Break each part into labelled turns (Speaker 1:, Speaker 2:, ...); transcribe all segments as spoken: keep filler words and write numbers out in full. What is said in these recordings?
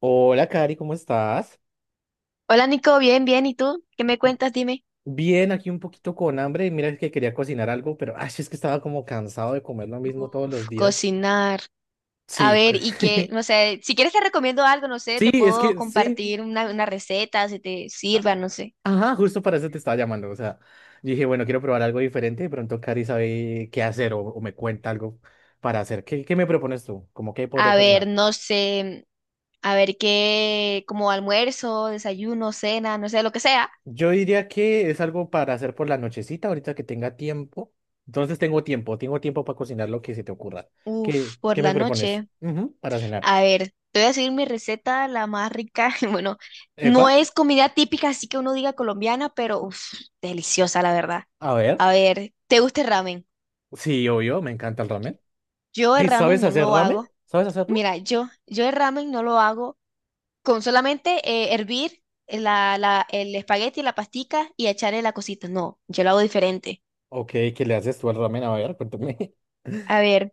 Speaker 1: Hola, Cari, ¿cómo estás?
Speaker 2: Hola Nico, bien, bien. ¿Y tú? ¿Qué me cuentas? Dime.
Speaker 1: Bien, aquí un poquito con hambre. Y mira que quería cocinar algo, pero ay, es que estaba como cansado de comer lo mismo todos
Speaker 2: Uf,
Speaker 1: los días.
Speaker 2: cocinar. A
Speaker 1: Sí,
Speaker 2: ver,
Speaker 1: cu-
Speaker 2: y que, no sé, si quieres te recomiendo algo, no sé,
Speaker 1: sí,
Speaker 2: te
Speaker 1: es
Speaker 2: puedo
Speaker 1: que sí.
Speaker 2: compartir una, una receta, si te sirva, no sé.
Speaker 1: Ajá, justo para eso te estaba llamando. O sea, yo dije, bueno, quiero probar algo diferente. De pronto Cari sabe qué hacer o, o me cuenta algo para hacer. ¿Qué, qué me propones tú? ¿Cómo que podría
Speaker 2: A ver,
Speaker 1: cocinar?
Speaker 2: no sé, a ver qué, como almuerzo, desayuno, cena, no sé, lo que sea.
Speaker 1: Yo diría que es algo para hacer por la nochecita, ahorita que tenga tiempo. Entonces tengo tiempo, tengo tiempo para cocinar lo que se te ocurra. ¿Qué,
Speaker 2: Uf, por
Speaker 1: qué me
Speaker 2: la
Speaker 1: propones?
Speaker 2: noche.
Speaker 1: Ujú, para cenar.
Speaker 2: A ver, te voy a decir mi receta, la más rica. Bueno,
Speaker 1: Epa,
Speaker 2: no es comida típica, así que uno diga colombiana, pero uf, deliciosa, la verdad.
Speaker 1: a ver.
Speaker 2: A ver, ¿te gusta el ramen?
Speaker 1: Sí, obvio, me encanta el ramen.
Speaker 2: Yo el
Speaker 1: ¿Y
Speaker 2: ramen
Speaker 1: sabes
Speaker 2: no
Speaker 1: hacer
Speaker 2: lo
Speaker 1: ramen?
Speaker 2: hago.
Speaker 1: ¿Sabes hacerlo?
Speaker 2: Mira, yo, yo el ramen no lo hago con solamente eh, hervir la, la, el espagueti, la pastica y echarle la cosita. No, yo lo hago diferente.
Speaker 1: Ok, ¿qué le haces tú al ramen? A ver, cuéntame.
Speaker 2: A ver,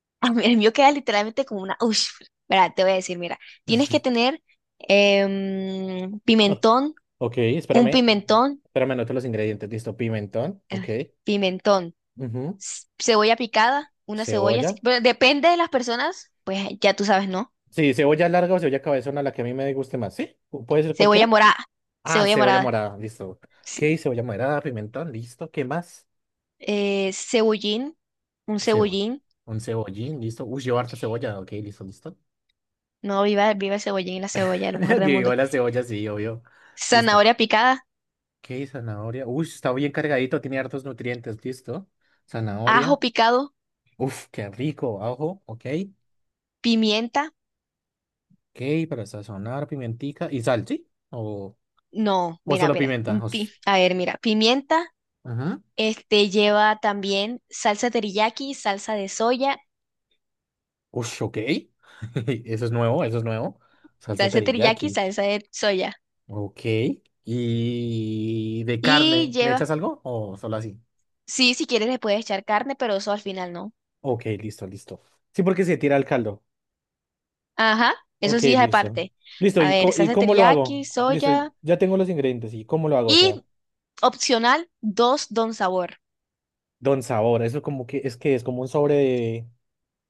Speaker 2: a mí- el mío queda literalmente como una... Ush, mira, te voy a decir, mira, tienes que tener em,
Speaker 1: Ah,
Speaker 2: pimentón,
Speaker 1: ok,
Speaker 2: un
Speaker 1: espérame.
Speaker 2: pimentón,
Speaker 1: Espérame, anoto los ingredientes. Listo, pimentón. Ok.
Speaker 2: eh, pimentón,
Speaker 1: Ujú,
Speaker 2: c- cebolla picada, una cebolla, sí,
Speaker 1: cebolla.
Speaker 2: bueno, depende de las personas, pues ya tú sabes, ¿no?
Speaker 1: Sí, cebolla larga o cebolla cabezona, la que a mí me guste más. ¿Sí? ¿Pu- ¿Puede ser
Speaker 2: Cebolla
Speaker 1: cualquiera?
Speaker 2: morada,
Speaker 1: Ah,
Speaker 2: cebolla
Speaker 1: cebolla
Speaker 2: morada.
Speaker 1: morada. Listo. Ok,
Speaker 2: Sí,
Speaker 1: cebolla morada, pimentón. Listo. ¿Qué más?
Speaker 2: eh, cebollín, un
Speaker 1: Cebolla.
Speaker 2: cebollín,
Speaker 1: Un cebollín. Listo. Uy, llevo harta cebolla. Ok, listo, listo.
Speaker 2: no, viva, viva el cebollín y la cebolla, lo mejor del
Speaker 1: Que
Speaker 2: mundo.
Speaker 1: viva la cebolla, sí, obvio. Listo.
Speaker 2: Zanahoria picada,
Speaker 1: Ok, zanahoria. Uy, está bien cargadito, tiene hartos nutrientes, listo.
Speaker 2: ajo
Speaker 1: Zanahoria.
Speaker 2: picado,
Speaker 1: Uf, qué rico, ajo, ok.
Speaker 2: pimienta.
Speaker 1: Ok, para sazonar, pimentica y sal, ¿sí? O,
Speaker 2: No,
Speaker 1: o
Speaker 2: mira,
Speaker 1: solo
Speaker 2: mira, mm,
Speaker 1: pimienta, o
Speaker 2: pi-
Speaker 1: s-
Speaker 2: a ver, mira, pimienta,
Speaker 1: ajá.
Speaker 2: este lleva también salsa teriyaki, salsa de soya,
Speaker 1: Ush, ok. Eso es nuevo, eso es nuevo. Salsa
Speaker 2: salsa teriyaki,
Speaker 1: teriyaki.
Speaker 2: salsa de soya.
Speaker 1: Ok. ¿Y de
Speaker 2: Y
Speaker 1: carne? ¿Le echas
Speaker 2: lleva,
Speaker 1: algo o solo así?
Speaker 2: sí, si quieres le puedes echar carne, pero eso al final no.
Speaker 1: Ok, listo, listo. Sí, porque se tira el caldo.
Speaker 2: Ajá, eso
Speaker 1: Ok,
Speaker 2: sí es
Speaker 1: listo.
Speaker 2: aparte.
Speaker 1: Listo,
Speaker 2: A
Speaker 1: ¿y,
Speaker 2: ver,
Speaker 1: co- y
Speaker 2: salsa
Speaker 1: cómo lo hago?
Speaker 2: teriyaki,
Speaker 1: Listo,
Speaker 2: soya
Speaker 1: ya tengo los ingredientes. ¿Y cómo lo hago? O sea.
Speaker 2: y opcional, dos don sabor.
Speaker 1: Don Sabor, eso como que es que es como un sobre de,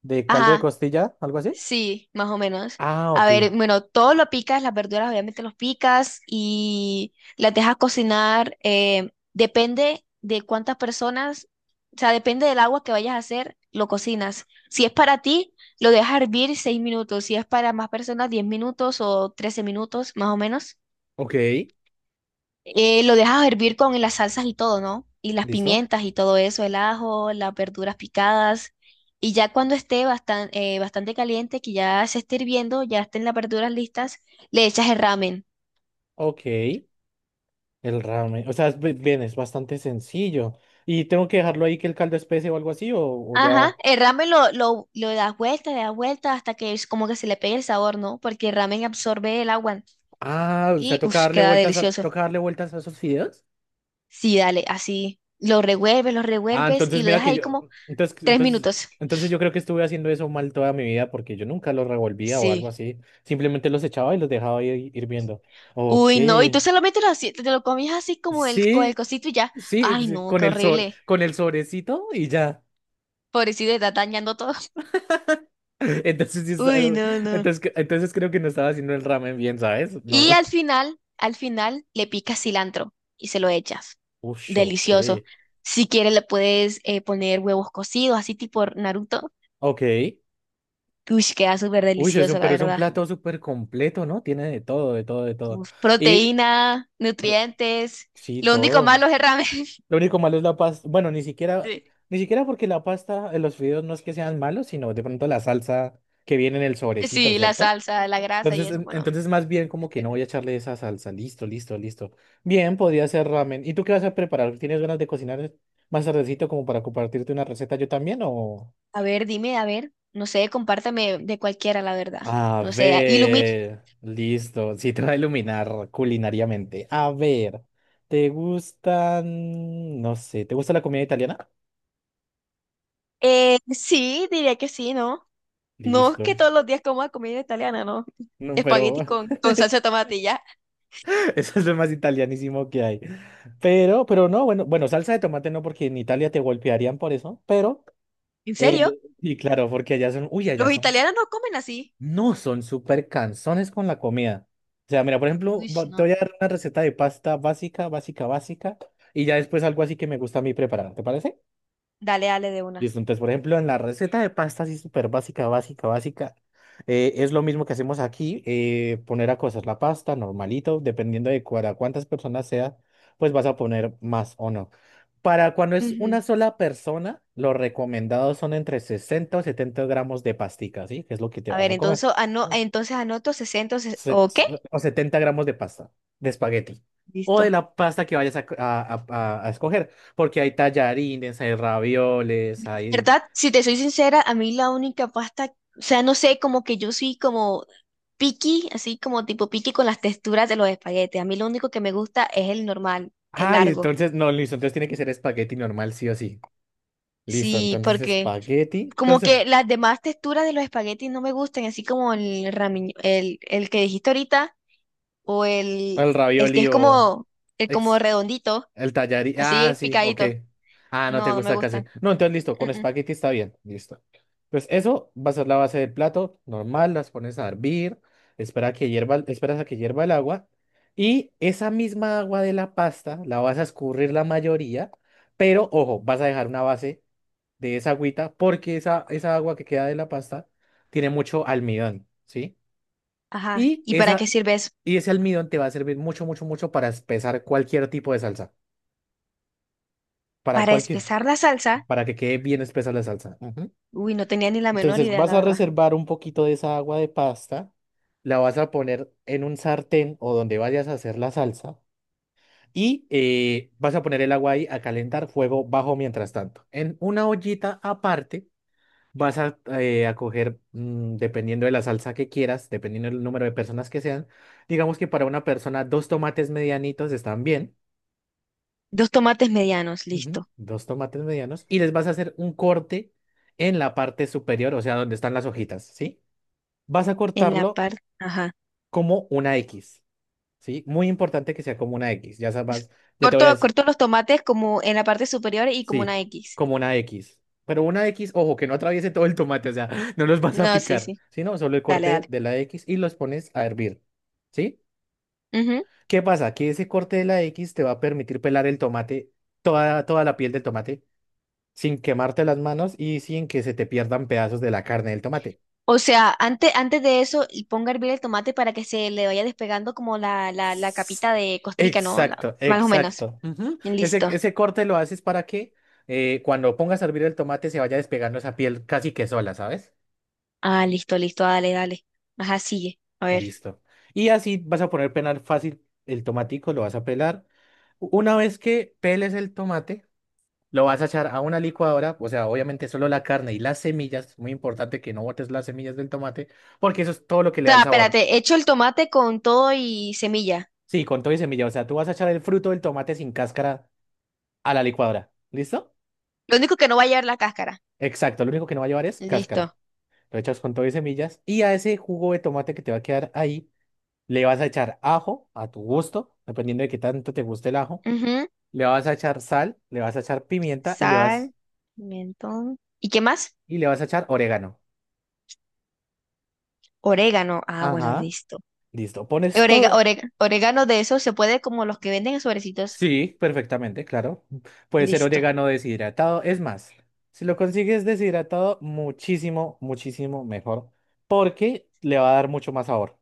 Speaker 1: de caldo de
Speaker 2: Ajá.
Speaker 1: costilla, algo así.
Speaker 2: Sí, más o menos.
Speaker 1: Ah,
Speaker 2: A
Speaker 1: ok.
Speaker 2: ver, bueno, todo lo picas, las verduras obviamente los picas y las dejas cocinar. eh, depende de cuántas personas, o sea, depende del agua que vayas a hacer, lo cocinas. Si es para ti, lo dejas hervir seis minutos. Si es para más personas, diez minutos o trece minutos, más o menos.
Speaker 1: Ok,
Speaker 2: Eh, lo dejas hervir con las salsas y todo, ¿no? Y las
Speaker 1: listo.
Speaker 2: pimientas y todo eso, el ajo, las verduras picadas. Y ya cuando esté bastan- eh, bastante caliente, que ya se esté hirviendo, ya estén las verduras listas, le echas el ramen.
Speaker 1: Ok, el ramen. O sea, es bi- bien, es bastante sencillo. ¿Y tengo que dejarlo ahí que el caldo espese o algo así? ¿O, o
Speaker 2: Ajá,
Speaker 1: ya?
Speaker 2: el ramen lo, lo, lo das vuelta, le das vuelta hasta que es como que se le pegue el sabor, ¿no? Porque el ramen absorbe el agua
Speaker 1: Ah, o sea,
Speaker 2: y
Speaker 1: toca
Speaker 2: uff,
Speaker 1: darle
Speaker 2: queda
Speaker 1: vueltas a,
Speaker 2: delicioso.
Speaker 1: toca darle vueltas a esos fideos.
Speaker 2: Sí, dale, así. Lo revuelves, lo
Speaker 1: Ah,
Speaker 2: revuelves y
Speaker 1: entonces
Speaker 2: lo
Speaker 1: mira
Speaker 2: dejas
Speaker 1: que
Speaker 2: ahí
Speaker 1: yo.
Speaker 2: como
Speaker 1: Entonces,
Speaker 2: tres
Speaker 1: entonces,
Speaker 2: minutos.
Speaker 1: entonces yo creo que estuve haciendo eso mal toda mi vida porque yo nunca los revolvía o algo
Speaker 2: Sí.
Speaker 1: así. Simplemente los echaba y los dejaba ahí hirviendo. Ok.
Speaker 2: Uy, no, y tú solamente lo, así- te lo comías así como el, con el
Speaker 1: Sí,
Speaker 2: cosito y ya.
Speaker 1: sí, pues,
Speaker 2: Ay,
Speaker 1: sí,
Speaker 2: no,
Speaker 1: con
Speaker 2: qué
Speaker 1: el sor
Speaker 2: horrible.
Speaker 1: con el sobrecito y ya.
Speaker 2: Pobrecito, está dañando todo.
Speaker 1: Entonces, sí está-
Speaker 2: Uy, no, no.
Speaker 1: entonces, que- entonces creo que no estaba haciendo el ramen bien, ¿sabes? No.
Speaker 2: Y al final, al final, le picas cilantro y se lo echas.
Speaker 1: Uy, ok.
Speaker 2: Delicioso. Si quieres, le puedes eh, poner huevos cocidos, así tipo Naruto.
Speaker 1: Ok.
Speaker 2: Uy, queda súper
Speaker 1: Uy, es un,
Speaker 2: delicioso, la
Speaker 1: pero es un
Speaker 2: verdad.
Speaker 1: plato súper completo, ¿no? Tiene de todo, de todo, de todo.
Speaker 2: Uf,
Speaker 1: Y
Speaker 2: proteína,
Speaker 1: pero-
Speaker 2: nutrientes.
Speaker 1: sí,
Speaker 2: Lo único
Speaker 1: todo.
Speaker 2: malo es el ramen.
Speaker 1: Lo único malo es la pasta. Bueno, ni siquiera,
Speaker 2: Sí.
Speaker 1: ni siquiera porque la pasta, eh, los fideos no es que sean malos, sino de pronto la salsa que viene en el sobrecito,
Speaker 2: Sí, la
Speaker 1: ¿cierto?
Speaker 2: salsa, la grasa y
Speaker 1: Entonces,
Speaker 2: eso.
Speaker 1: en-
Speaker 2: Bueno,
Speaker 1: entonces más bien como que no voy a echarle esa salsa. Listo, listo, listo. Bien, podría ser ramen. ¿Y tú qué vas a preparar? ¿Tienes ganas de cocinar más tardecito como para compartirte una receta yo también o...?
Speaker 2: a ver, dime, a ver, no sé, compárteme de cualquiera, la verdad.
Speaker 1: A
Speaker 2: No sé, ilumina.
Speaker 1: ver, listo. Sí, te va a iluminar culinariamente. A ver, ¿te gustan, no sé, ¿te gusta la comida italiana?
Speaker 2: Eh, sí, diría que sí, ¿no? No es que
Speaker 1: Listo.
Speaker 2: todos los días coma comida italiana, ¿no?
Speaker 1: No, pero
Speaker 2: Espagueti con, con salsa de tomate y ya.
Speaker 1: eso es lo más italianísimo que hay. Pero, pero no, bueno, bueno, salsa de tomate no, porque en Italia te golpearían por eso, pero...
Speaker 2: ¿En serio?
Speaker 1: Eh, y claro, porque allá son, uy, allá
Speaker 2: Los
Speaker 1: son,
Speaker 2: italianos no comen así.
Speaker 1: no son súper cansones con la comida. O sea, mira, por ejemplo,
Speaker 2: Uy,
Speaker 1: va- te
Speaker 2: no.
Speaker 1: voy a dar una receta de pasta básica, básica, básica, y ya después algo así que me gusta a mí preparar, ¿te parece?
Speaker 2: Dale, dale de una.
Speaker 1: Listo, entonces, por ejemplo, en la receta de pasta, así súper básica, básica, básica, eh, es lo mismo que hacemos aquí, eh, poner a cocer la pasta, normalito, dependiendo de cuara- cuántas personas sea, pues vas a poner más o no. Para cuando es
Speaker 2: Ujú.
Speaker 1: una sola persona, lo recomendado son entre sesenta o setenta gramos de pastica, ¿sí? Que es lo que te
Speaker 2: A
Speaker 1: vas
Speaker 2: ver,
Speaker 1: a comer.
Speaker 2: entonces, ano- entonces anoto sesenta ses-
Speaker 1: Se-
Speaker 2: o qué.
Speaker 1: se- o setenta gramos de pasta, de espagueti. O de
Speaker 2: Listo.
Speaker 1: la pasta que vayas a, a a- a- a escoger, porque hay tallarines, hay ravioles, hay...
Speaker 2: ¿Verdad? Si te soy sincera, a mí la única pasta, o sea, no sé, como que yo soy como Piqui, así como tipo piqui con las texturas de los espaguetes. A mí lo único que me gusta es el normal, el
Speaker 1: Ay,
Speaker 2: largo.
Speaker 1: entonces, no, listo, entonces tiene que ser espagueti normal, sí o sí. Listo,
Speaker 2: Sí,
Speaker 1: entonces
Speaker 2: porque
Speaker 1: espagueti.
Speaker 2: como
Speaker 1: Entonces,
Speaker 2: que las demás texturas de los espaguetis no me gustan, así como el rami- el, el que dijiste ahorita, o el,
Speaker 1: el
Speaker 2: el que
Speaker 1: ravioli
Speaker 2: es
Speaker 1: o...
Speaker 2: como, el como
Speaker 1: ex-
Speaker 2: redondito,
Speaker 1: el tallarín. Ah,
Speaker 2: así
Speaker 1: sí, ok.
Speaker 2: picadito.
Speaker 1: Ah, no te
Speaker 2: No, no me
Speaker 1: gusta casi.
Speaker 2: gustan.
Speaker 1: No, entonces listo, con
Speaker 2: Mm, mm.
Speaker 1: espagueti está bien. Listo. Pues eso va a ser la base del plato. Normal, las pones a hervir. Espera a que hierva, esperas a que hierva el agua. Y esa misma agua de la pasta la vas a escurrir la mayoría. Pero ojo, vas a dejar una base de esa agüita porque esa, esa agua que queda de la pasta tiene mucho almidón, ¿sí?
Speaker 2: Ajá.
Speaker 1: Y,
Speaker 2: ¿Y para qué
Speaker 1: esa,
Speaker 2: sirve eso?
Speaker 1: y ese almidón te va a servir mucho, mucho, mucho para espesar cualquier tipo de salsa para,
Speaker 2: Para
Speaker 1: cualquier,
Speaker 2: espesar la salsa.
Speaker 1: para que quede bien espesa la salsa. Ujú.
Speaker 2: Uy, no tenía ni la menor
Speaker 1: Entonces
Speaker 2: idea,
Speaker 1: vas
Speaker 2: la
Speaker 1: a
Speaker 2: verdad.
Speaker 1: reservar un poquito de esa agua de pasta, la vas a poner en un sartén o donde vayas a hacer la salsa y eh, vas a poner el agua ahí a calentar fuego bajo mientras tanto. En una ollita aparte vas a, eh, a coger, mm, dependiendo de la salsa que quieras, dependiendo del número de personas que sean, digamos que para una persona dos tomates medianitos están bien.
Speaker 2: Dos tomates medianos, listo.
Speaker 1: Ujú, dos tomates medianos y les vas a hacer un corte en la parte superior, o sea, donde están las hojitas, ¿sí? Vas a
Speaker 2: En la
Speaker 1: cortarlo
Speaker 2: parte, ajá.
Speaker 1: como una X, ¿sí? Muy importante que sea como una X, ya sabes, ya te voy a
Speaker 2: Corto,
Speaker 1: decir,
Speaker 2: corto los tomates como en la parte superior y como
Speaker 1: sí,
Speaker 2: una X.
Speaker 1: como una X. Pero una X, ojo, que no atraviese todo el tomate, o sea, no los vas a
Speaker 2: No, sí,
Speaker 1: picar,
Speaker 2: sí.
Speaker 1: sino solo el
Speaker 2: Dale,
Speaker 1: corte
Speaker 2: dale.
Speaker 1: de la X y los pones a hervir, ¿sí?
Speaker 2: Ujú.
Speaker 1: ¿Qué pasa? Que ese corte de la X te va a permitir pelar el tomate, toda, toda la piel del tomate sin quemarte las manos y sin que se te pierdan pedazos de la carne del tomate.
Speaker 2: O sea, antes, antes de eso, y ponga a hervir el tomate para que se le vaya despegando como la, la, la
Speaker 1: S-
Speaker 2: capita de costrica, ¿no? La-
Speaker 1: exacto,
Speaker 2: más o menos.
Speaker 1: exacto. Ujú. Ese,
Speaker 2: Listo.
Speaker 1: ese corte lo haces para que eh, cuando pongas a hervir el tomate se vaya despegando esa piel casi que sola, ¿sabes?
Speaker 2: Ah, listo, listo. Dale, dale. Ajá, sigue. A ver.
Speaker 1: Listo. Y así vas a poner pelar fácil el tomatico, lo vas a pelar. Una vez que peles el tomate, lo vas a echar a una licuadora, o sea, obviamente solo la carne y las semillas, muy importante que no botes las semillas del tomate, porque eso es todo lo que
Speaker 2: O
Speaker 1: le da el
Speaker 2: sea,
Speaker 1: sabor.
Speaker 2: espérate, echo el tomate con todo y semilla.
Speaker 1: Sí, con todo y semilla. O sea, tú vas a echar el fruto del tomate sin cáscara a la licuadora. ¿Listo?
Speaker 2: Lo único que no va a llevar la cáscara.
Speaker 1: Exacto. Lo único que no va a llevar es cáscara.
Speaker 2: Listo.
Speaker 1: Lo echas con todo y semillas. Y a ese jugo de tomate que te va a quedar ahí, le vas a echar ajo a tu gusto, dependiendo de qué tanto te guste el ajo.
Speaker 2: Ujú.
Speaker 1: Le vas a echar sal, le vas a echar pimienta y le vas,
Speaker 2: Sal, pimentón. ¿Y qué más?
Speaker 1: y le vas a echar orégano.
Speaker 2: Orégano. Ah, bueno,
Speaker 1: Ajá.
Speaker 2: listo.
Speaker 1: Listo. Pones
Speaker 2: Orega,
Speaker 1: todo,
Speaker 2: orega- orégano de esos se puede como los que venden en sobrecitos.
Speaker 1: sí, perfectamente, claro. Puede ser
Speaker 2: Listo,
Speaker 1: orégano deshidratado. Es más, si lo consigues deshidratado, muchísimo, muchísimo mejor, porque le va a dar mucho más sabor.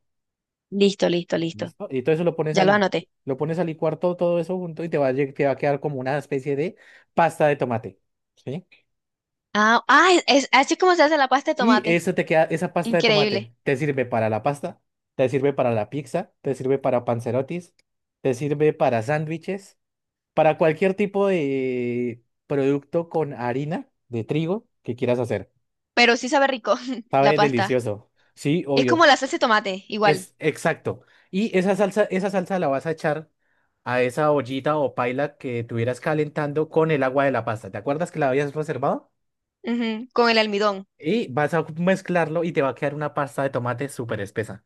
Speaker 2: listo, listo, listo.
Speaker 1: ¿Listo? Y todo eso lo pones
Speaker 2: Ya
Speaker 1: a
Speaker 2: lo
Speaker 1: licuar.
Speaker 2: anoté.
Speaker 1: Lo pones a licuar todo, todo eso junto y te va a, lle- te va a quedar como una especie de pasta de tomate. ¿Sí?
Speaker 2: Ah, ah, es, es así como se hace la pasta de
Speaker 1: Y
Speaker 2: tomate.
Speaker 1: eso te queda, esa pasta de tomate
Speaker 2: Increíble.
Speaker 1: te sirve para la pasta, te sirve para la pizza, te sirve para panzerotis, te sirve para sándwiches. Para cualquier tipo de producto con harina de trigo que quieras hacer.
Speaker 2: Pero sí sabe rico la
Speaker 1: Sabe
Speaker 2: pasta.
Speaker 1: delicioso. Sí,
Speaker 2: Es
Speaker 1: obvio.
Speaker 2: como la salsa de tomate, igual.
Speaker 1: Es exacto. Y esa salsa, esa salsa la vas a echar a esa ollita o paila que tuvieras calentando con el agua de la pasta. ¿Te acuerdas que la habías reservado?
Speaker 2: Ujú, con el almidón.
Speaker 1: Y vas a mezclarlo y te va a quedar una pasta de tomate súper espesa.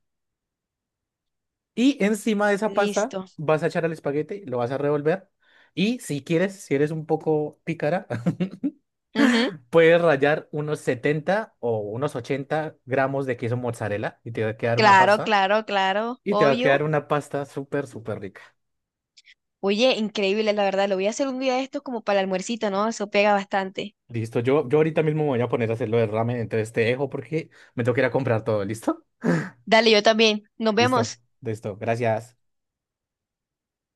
Speaker 1: Y encima de esa pasta
Speaker 2: Listo.
Speaker 1: vas a echar el espagueti, lo vas a revolver. Y si quieres, si eres un poco pícara,
Speaker 2: Ujú,
Speaker 1: puedes rallar unos setenta o unos ochenta gramos de queso mozzarella y te va a quedar una
Speaker 2: claro,
Speaker 1: pasta.
Speaker 2: claro, claro.
Speaker 1: Y te va a quedar
Speaker 2: Obvio.
Speaker 1: una pasta súper, súper rica.
Speaker 2: Oye, increíble, la verdad. Lo voy a hacer un día de estos como para el almuercito, ¿no? Eso pega bastante.
Speaker 1: Listo, yo, yo ahorita mismo me voy a poner a hacer lo del ramen, entonces te dejo porque me tengo que ir a comprar todo. ¿Listo?
Speaker 2: Dale, yo también. Nos
Speaker 1: Listo,
Speaker 2: vemos.
Speaker 1: listo. Gracias.